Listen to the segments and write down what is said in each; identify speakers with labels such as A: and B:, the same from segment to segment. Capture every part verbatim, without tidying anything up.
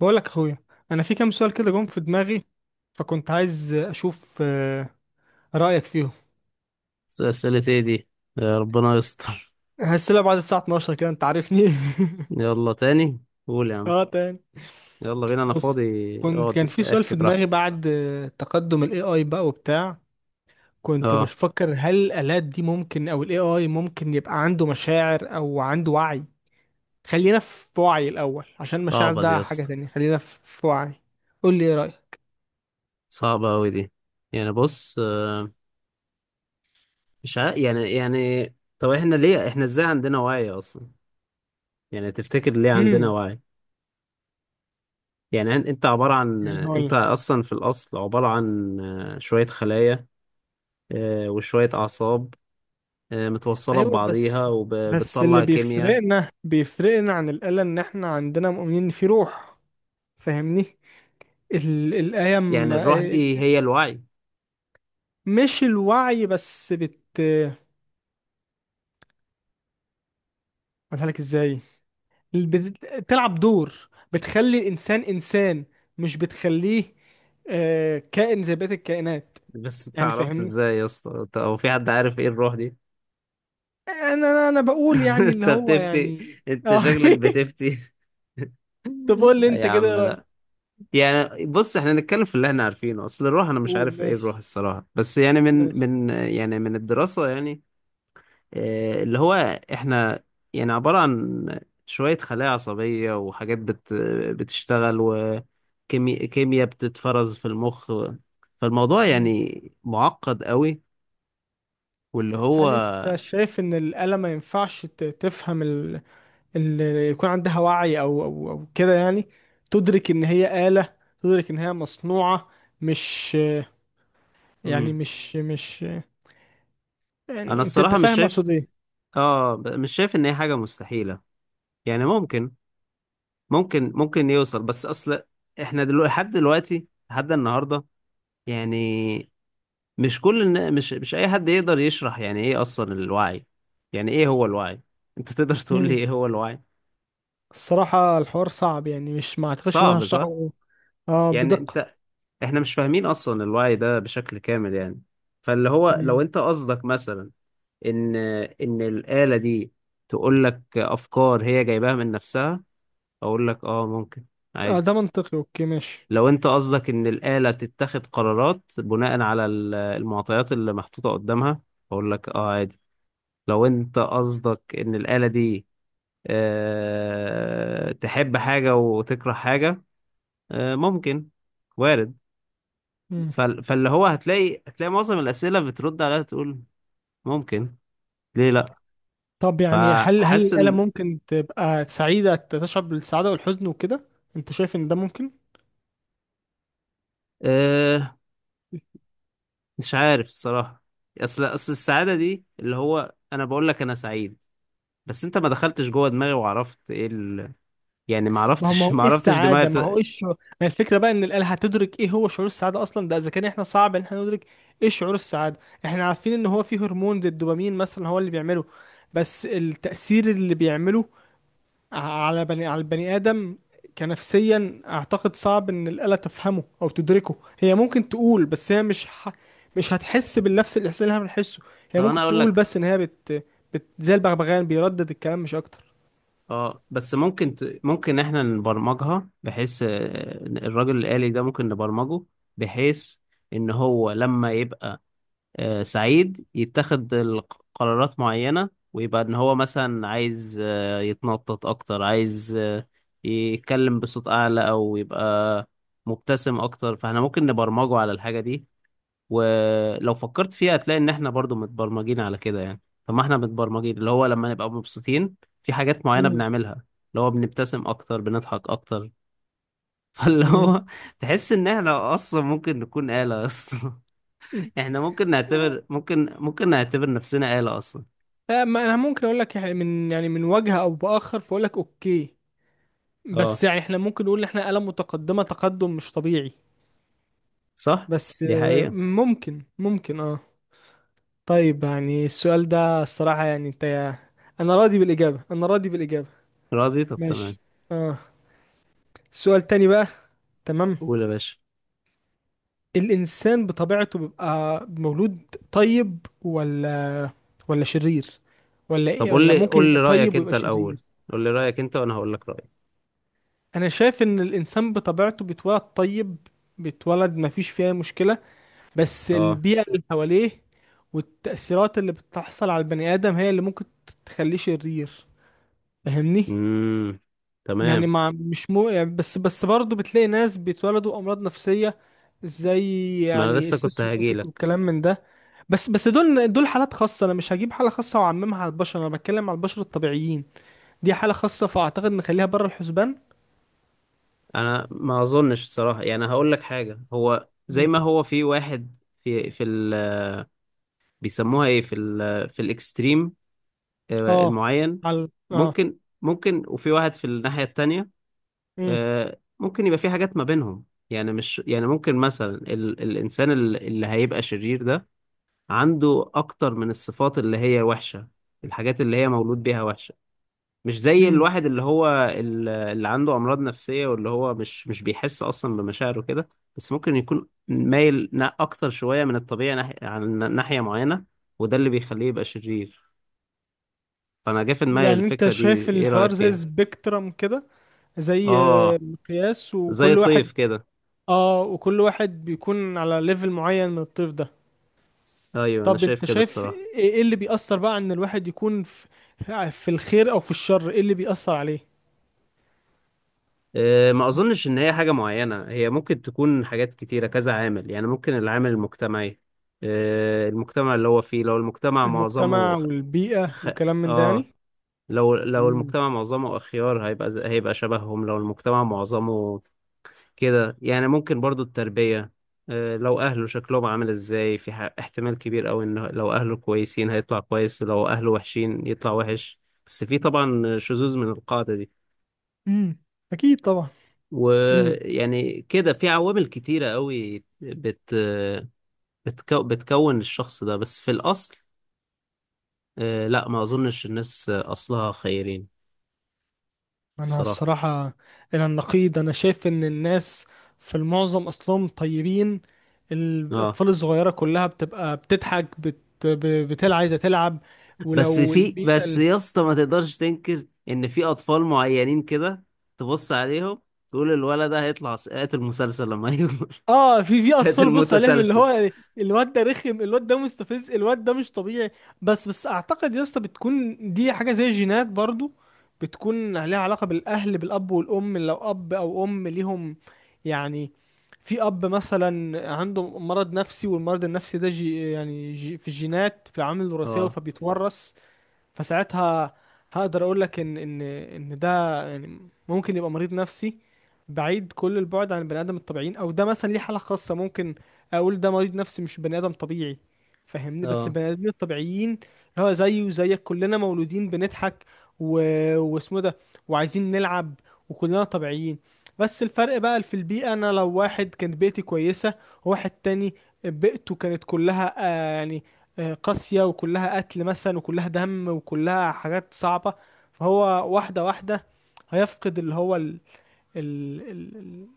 A: بقولك يا اخويا، انا في كام سؤال كده جم في دماغي، فكنت عايز اشوف آه، رايك فيهم.
B: أسئلة ايه دي؟ يا ربنا يستر.
A: هسألها بعد الساعه اتناشر كده، انت عارفني.
B: يلا تاني، قول يا عم.
A: اه تاني.
B: يلا بينا، انا
A: بص،
B: فاضي
A: كنت
B: اقعد،
A: كان
B: انت
A: في سؤال
B: احكي
A: في دماغي
B: براحتك.
A: بعد آه، تقدم الاي اي بقى وبتاع. كنت
B: اه،
A: بفكر هل الالات دي ممكن او الاي اي ممكن يبقى عنده مشاعر او عنده وعي. خلينا في وعي الاول، عشان مشاعر
B: صعبة دي
A: ده
B: يا
A: حاجه
B: اسطى.
A: تانية. خلينا في في وعي. قول لي ايه رايك.
B: صعبة اوي دي. يعني بص، آه، مش عارف، يعني يعني. طب احنا ليه، احنا ازاي عندنا وعي اصلا؟ يعني تفتكر ليه عندنا وعي؟ يعني أن- انت عبارة عن آه، انت
A: امم
B: اصلا في الاصل عبارة عن آه، شوية خلايا، آه، وشوية اعصاب، آه، متوصلة
A: ايوه
B: ببعضيها
A: بس، بس اللي
B: وبتطلع كيمياء.
A: بيفرقنا بيفرقنا عن الآلة ان احنا عندنا مؤمنين إن في روح. فاهمني. ال الآية م-
B: يعني الروح دي هي الوعي؟
A: مش الوعي بس بت اقولها لك ازاي، بت... بتلعب دور، بتخلي الانسان انسان، مش بتخليه آه، كائن زي بقية الكائنات.
B: بس انت
A: يعني
B: عرفت
A: فاهمني.
B: ازاي يا اسطى؟ انت- هو في حد عارف ايه الروح دي؟
A: انا انا أنا بقول يعني اللي
B: انت
A: هو
B: بتفتي،
A: يعني.
B: انت
A: اه.
B: شكلك بتفتي.
A: طب قول لي
B: لا يا
A: انت كده ايه
B: عم،
A: رأيك.
B: لا. يعني بص، احنا نتكلم في اللي احنا عارفينه. اصل الروح انا مش
A: قول
B: عارف ايه
A: ماشي،
B: الروح الصراحة، بس يعني من
A: ماشي.
B: من يعني من الدراسة يعني، اه، اللي هو احنا يعني عبارة عن شوية خلايا عصبية وحاجات بت بتشتغل، وكيمياء بتتفرز في المخ. فالموضوع يعني معقد قوي. واللي هو،
A: هل انت شايف ان الآلة ما ينفعش ت- تفهم ال... ال... يكون عندها وعي او او او كده؟ يعني تدرك ان هي آلة، تدرك ان هي مصنوعة. مش، يعني
B: مم.
A: مش مش،
B: انا
A: يعني انت انت
B: الصراحة مش
A: فاهم
B: شايف.
A: اقصد ايه.
B: اه، ب- مش شايف ان هي حاجة مستحيلة. يعني ممكن، ممكن ممكن يوصل، بس اصل احنا دلوقتي، لحد دلوقتي لحد النهاردة، يعني مش كل النا- مش مش اي حد يقدر يشرح يعني ايه اصلا الوعي. يعني ايه هو الوعي؟ انت تقدر تقول لي
A: مم.
B: ايه هو الوعي؟
A: الصراحة الحوار صعب، يعني مش، ما اعتقدش ان انا
B: صعب صح.
A: هشرحه اه
B: يعني
A: بدقة.
B: انت، احنا مش فاهمين اصلا الوعي ده بشكل كامل يعني. فاللي هو لو
A: مم.
B: انت قصدك مثلا ان ان الآلة دي تقول لك افكار هي جايباها من نفسها، اقول لك اه ممكن،
A: اه
B: عادي.
A: ده منطقي، اوكي ماشي.
B: لو انت قصدك ان الآلة تتخذ قرارات بناء على ال- المعطيات اللي محطوطة قدامها، اقول لك اه عادي. لو انت قصدك ان الآلة دي أه تحب حاجة وتكره حاجة، أه ممكن، وارد.
A: مم.
B: فال- فاللي هو هتلاقي، هتلاقي معظم الأسئلة بترد عليها تقول ممكن، ليه لا.
A: طب يعني هل هل
B: فحاسس
A: الآلة
B: ان
A: ممكن تبقى سعيدة، تشعر بالسعادة والحزن وكده؟ انت شايف ان ده ممكن؟
B: أه، مش عارف الصراحة. اصل اصل السعادة دي، اللي هو انا بقول لك انا سعيد، بس انت ما دخلتش جوه دماغي وعرفت ايه ال... يعني ما
A: ما هو ما
B: عرفتش
A: هو
B: ما
A: ايه
B: عرفتش دماغي
A: السعاده؟ ما هو
B: بت...
A: ايه الشعور؟ ما الفكره بقى ان الاله هتدرك ايه هو شعور السعاده اصلا، ده اذا كان احنا صعب ان احنا ندرك ايه شعور السعاده. احنا عارفين ان هو فيه هرمون زي الدوبامين مثلا هو اللي بيعمله. بس التاثير اللي بيعمله ع- على بني على البني ادم كنفسيا، اعتقد صعب ان الاله تفهمه او تدركه. هي ممكن تقول، بس هي مش ح... مش هتحس بالنفس الاحساس اللي احنا بنحسه. هي
B: طب انا
A: ممكن
B: اقول
A: تقول،
B: لك،
A: بس ان هي بت... بت... زي البغبغان بيردد الكلام مش اكتر.
B: اه بس ممكن ت... ممكن احنا نبرمجها بحيث آه، الراجل الآلي ده ممكن نبرمجه بحيث ان هو لما يبقى آه، سعيد يتخذ الق- قرارات معينة، ويبقى ان هو مثلا عايز آه، يتنطط اكتر، عايز آه، يتكلم بصوت اعلى، او يبقى مبتسم اكتر. فاحنا ممكن نبرمجه على الحاجة دي. ولو فكرت فيها هتلاقي ان احنا برضو متبرمجين على كده يعني. فما احنا متبرمجين اللي هو لما نبقى مبسوطين في حاجات معينة
A: مم.
B: بنعملها، اللي هو بنبتسم اكتر، بنضحك اكتر. فاللي
A: مم.
B: هو تحس ان احنا اصلا ممكن نكون آلة اصلا. احنا ممكن نعتبر، ممكن ممكن نعتبر نفسنا آلة اصلا.
A: آه، ما انا ممكن اقول لك، يعني من، يعني من وجه او باخر، فاقول لك اوكي.
B: اه
A: بس يعني احنا ممكن نقول ان احنا آلة متقدمة، تقدم مش طبيعي.
B: صح.
A: بس
B: دي
A: آه،
B: حقيقة.
A: ممكن ممكن اه. طيب، يعني السؤال ده الصراحة، يعني انت، انا راضي بالاجابة، انا راضي بالاجابة.
B: راضي، طب تمام.
A: ماشي. اه سؤال تاني بقى. تمام.
B: قول يا باشا.
A: الانسان بطبيعته بيبقى مولود طيب، ولا ولا شرير، ولا
B: طب
A: ايه،
B: قول
A: ولا
B: لي،
A: ممكن
B: قول
A: يبقى
B: لي رأيك
A: طيب ويبقى
B: انت الاول.
A: شرير؟
B: قول لي رأيك انت وانا هقول لك رأيي.
A: انا شايف ان الانسان بطبيعته بيتولد طيب. بيتولد ما فيش فيها مشكلة، بس
B: اه.
A: البيئة اللي حواليه والتأثيرات اللي بتحصل على البني آدم هي اللي ممكن تخليه شرير. فاهمني.
B: امم،
A: يعني
B: تمام.
A: مع مش مو يعني بس بس برضه بتلاقي ناس بيتولدوا أمراض نفسية، زي
B: ما انا
A: يعني
B: لسه كنت
A: السوسيوباسيك
B: هجيلك.
A: والكلام من ده. بس بس دول دول حالات خاصة، أنا مش هجيب حالة خاصة وأعممها على البشر، أنا بتكلم على البشر الطبيعيين. دي حالة خاصة، فأعتقد نخليها بره الحسبان.
B: انا ما اظنش الصراحه، يعني هقول لك حاجه، هو زي ما
A: مم.
B: هو في واحد في في ال، بيسموها ايه، في ال في الاكستريم، آه،
A: اه
B: المعين،
A: على اه.
B: ممكن، ممكن. وفي واحد في الناحيه التانية،
A: مم.
B: آه، ممكن يبقى في حاجات ما بينهم. يعني مش يعني، ممكن مثلا ال الانسان ال- اللي هيبقى شرير ده عنده اكتر من الصفات اللي هي وحشه، الحاجات اللي هي مولود بيها وحشه. مش زي
A: مم.
B: الواحد اللي هو ال- اللي عنده أمراض نفسية، واللي هو مش مش بيحس أصلا بمشاعره كده، بس ممكن يكون مايل نا- أكتر شوية من الطبيعي ناحية عن ناحية معينة، وده اللي بيخليه يبقى شرير. فأنا جه في دماغي
A: يعني انت
B: الفكرة دي.
A: شايف
B: إيه رأيك
A: الحوار زي
B: فيها؟
A: سبيكترم كده، زي
B: آه،
A: مقياس،
B: زي
A: وكل واحد،
B: طيف كده.
A: اه وكل واحد بيكون على ليفل معين من الطيف ده.
B: أيوه أنا
A: طب
B: شايف
A: انت
B: كده
A: شايف
B: الصراحة.
A: ايه، ايه اللي بيأثر بقى ان الواحد يكون في، في الخير او في الشر؟ ايه اللي بيأثر عليه؟
B: آه، ما أظنش إن هي حاجة معينة، هي ممكن تكون حاجات كتيرة، كذا عامل يعني. ممكن العامل المجتمعي، آه، المجتمع اللي هو فيه، لو المجتمع معظمه
A: المجتمع
B: خ...
A: والبيئة
B: خ...
A: وكلام من ده
B: آه،
A: يعني.
B: لو لو
A: امم
B: المجتمع معظمه أخيار هيبقى، هيبقى شبههم. لو المجتمع معظمه كده يعني. ممكن برضو التربية، آه، لو أهله شكلهم عامل إزاي، في ح- احتمال كبير أوي إن لو أهله كويسين هيطلع كويس، لو أهله وحشين يطلع وحش. بس في طبعا شذوذ من القاعدة دي.
A: امم اكيد طبعا.
B: ويعني كده في عوامل كتيرة أوي بت بتكو بتكون الشخص ده. بس في الأصل، آه، لا ما أظنش الناس أصلها خيرين
A: انا
B: الصراحة.
A: الصراحة الى النقيض انا شايف ان الناس في المعظم اصلهم طيبين.
B: اه
A: الاطفال الصغيرة كلها بتبقى بتضحك بت... ب- بتلعب، عايزة تلعب،
B: بس
A: ولو
B: في،
A: البيئة
B: بس يا اسطى ما تقدرش تنكر ان في اطفال معينين كده تبص عليهم تقول الولد ده هيطلع س- قاتل مسلسل لما يكبر.
A: اه. في في
B: قاتل
A: اطفال بص عليهم اللي
B: متسلسل.
A: هو، يعني الواد ده رخم، الواد ده مستفز، الواد ده مش طبيعي. بس بس اعتقد يا اسطى بتكون دي حاجه زي جينات برضو، بتكون لها علاقه بالاهل، بالاب والام. لو اب او ام ليهم، يعني في اب مثلا عنده مرض نفسي، والمرض النفسي ده جي يعني جي في الجينات، في العوامل الوراثيه،
B: اه،
A: فبيتورث. فساعتها هقدر اقول لك ان ان ان ده يعني ممكن يبقى مريض نفسي، بعيد كل البعد عن البني ادم الطبيعيين، او ده مثلا ليه حالة خاصة. ممكن اقول ده مريض نفسي مش بني ادم طبيعي، فاهمني. بس
B: اه.
A: البني ادمين الطبيعيين اللي هو زيي وزيك كلنا مولودين بنضحك و... واسمه ده، وعايزين نلعب، وكلنا طبيعيين. بس الفرق بقى في البيئة. انا لو واحد كانت بيئتي كويسة، وواحد تاني بيئته كانت كلها آه يعني، آه، قاسية، وكلها قتل مثلا، وكلها دم، وكلها حاجات صعبة، فهو واحدة واحدة هيفقد اللي هو ال... ال... ال... ال-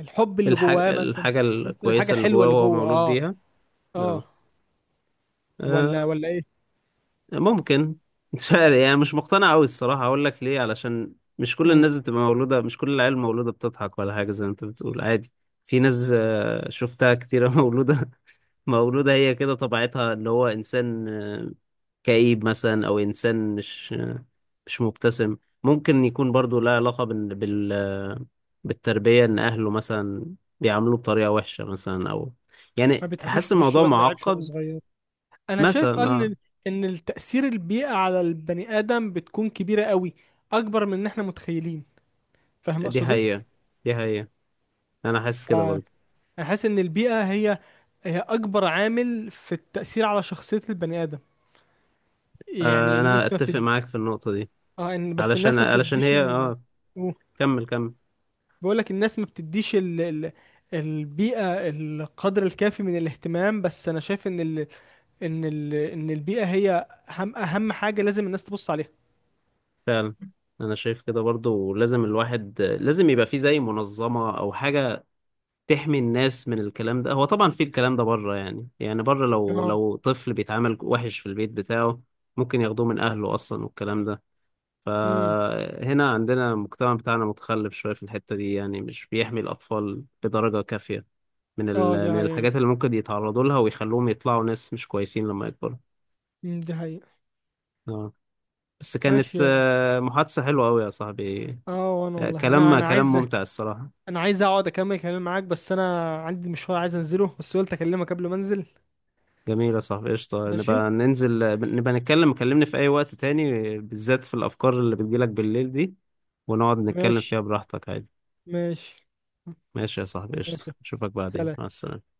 A: الحب اللي جواه
B: الحاجة،
A: مثلا.
B: الحاجة
A: هيفقد الحاجة
B: الكويسة اللي
A: الحلوة
B: جواه
A: اللي
B: وهو
A: جوه،
B: مولود
A: اه
B: بيها.
A: اه.
B: اه.
A: ولا
B: آه،
A: ولا ايه؟
B: ممكن. مش عارف يعني، مش مقتنع قوي الصراحة. اقول لك ليه، علشان مش كل
A: قول.
B: الناس بتبقى مولودة، مش كل العيال مولودة بتضحك ولا حاجة زي ما انت بتقول عادي. في ناس آه، شفتها كتيرة مولودة، مولودة هي كده طبيعتها، اللي هو إنسان آه، كئيب مثلا، او انسان مش، مش مبتسم. ممكن يكون برضو لها علاقة بال... بال... بالتربية، ان اهله مثلا بيعاملوه بطريقة وحشة مثلا، او
A: ما
B: يعني
A: بيضحكوش
B: حاسس
A: في وشه
B: الموضوع
A: الواد، ما لعبش وهو
B: معقد.
A: صغير. انا شايف آه
B: مثلا
A: ان
B: اه.
A: ان التأثير البيئة على البني آدم بتكون كبيرة قوي، اكبر من ان احنا متخيلين. فاهم
B: دي
A: اقصد ايه.
B: حقيقة، دي حقيقة. انا حاسس كده
A: فانا
B: برضو.
A: حاسس ان البيئة هي، هي اكبر عامل في التأثير على شخصية البني آدم. يعني
B: آه انا
A: الناس ما
B: اتفق
A: بتد...
B: معاك في النقطة دي.
A: اه إن- بس
B: علشان،
A: الناس ما
B: علشان
A: بتديش
B: هي
A: ال...
B: اه، كمل كمل.
A: بقول لك الناس ما بتديش ال... ال... البيئة القدر الكافي من الاهتمام. بس انا شايف ان ال... ان ال... ان البيئة هي اهم اهم حاجة لازم الناس تبص عليها.
B: فعلا، انا شايف كده برضو. لازم الواحد، لازم يبقى فيه زي منظمة او حاجة تحمي الناس من الكلام ده. هو طبعا في الكلام ده بره يعني، يعني بره، لو
A: اه
B: لو طفل بيتعامل وحش في البيت بتاعه ممكن ياخدوه من اهله اصلا، والكلام ده.
A: امم
B: فهنا عندنا المجتمع بتاعنا متخلف شوية في الحتة دي، يعني مش بيحمي الاطفال بدرجة كافية من
A: اه دي
B: ال... من
A: حقيقة.
B: الحاجات اللي ممكن يتعرضوا لها ويخلوهم يطلعوا ناس مش كويسين لما يكبروا.
A: امم دي حقيقة.
B: اه. بس كانت
A: ماشي يا-
B: آه، محادثة حلوة قوي يا صاحبي.
A: اه، وانا
B: آه،
A: والله انا
B: كلام،
A: انا
B: كلام
A: عايز،
B: ممتع الصراحة.
A: انا عايز اقعد اكمل كلام معاك، بس انا عندي مشوار عايز انزله، بس قلت اكلمك قبل ما انزل.
B: جميلة، صح، قشطة
A: ماشي،
B: نبقى ننزل. نبقى نتكلم، كلمني في أي وقت تاني، بالذات في الأفكار اللي بتجيلك بالليل دي، ونقعد نتكلم
A: ماشي،
B: فيها براحتك عادي.
A: ماشي،
B: ماشي يا صاحبي، قشطة،
A: ماشي.
B: أشوفك بعدين،
A: سلام.
B: مع السلامة.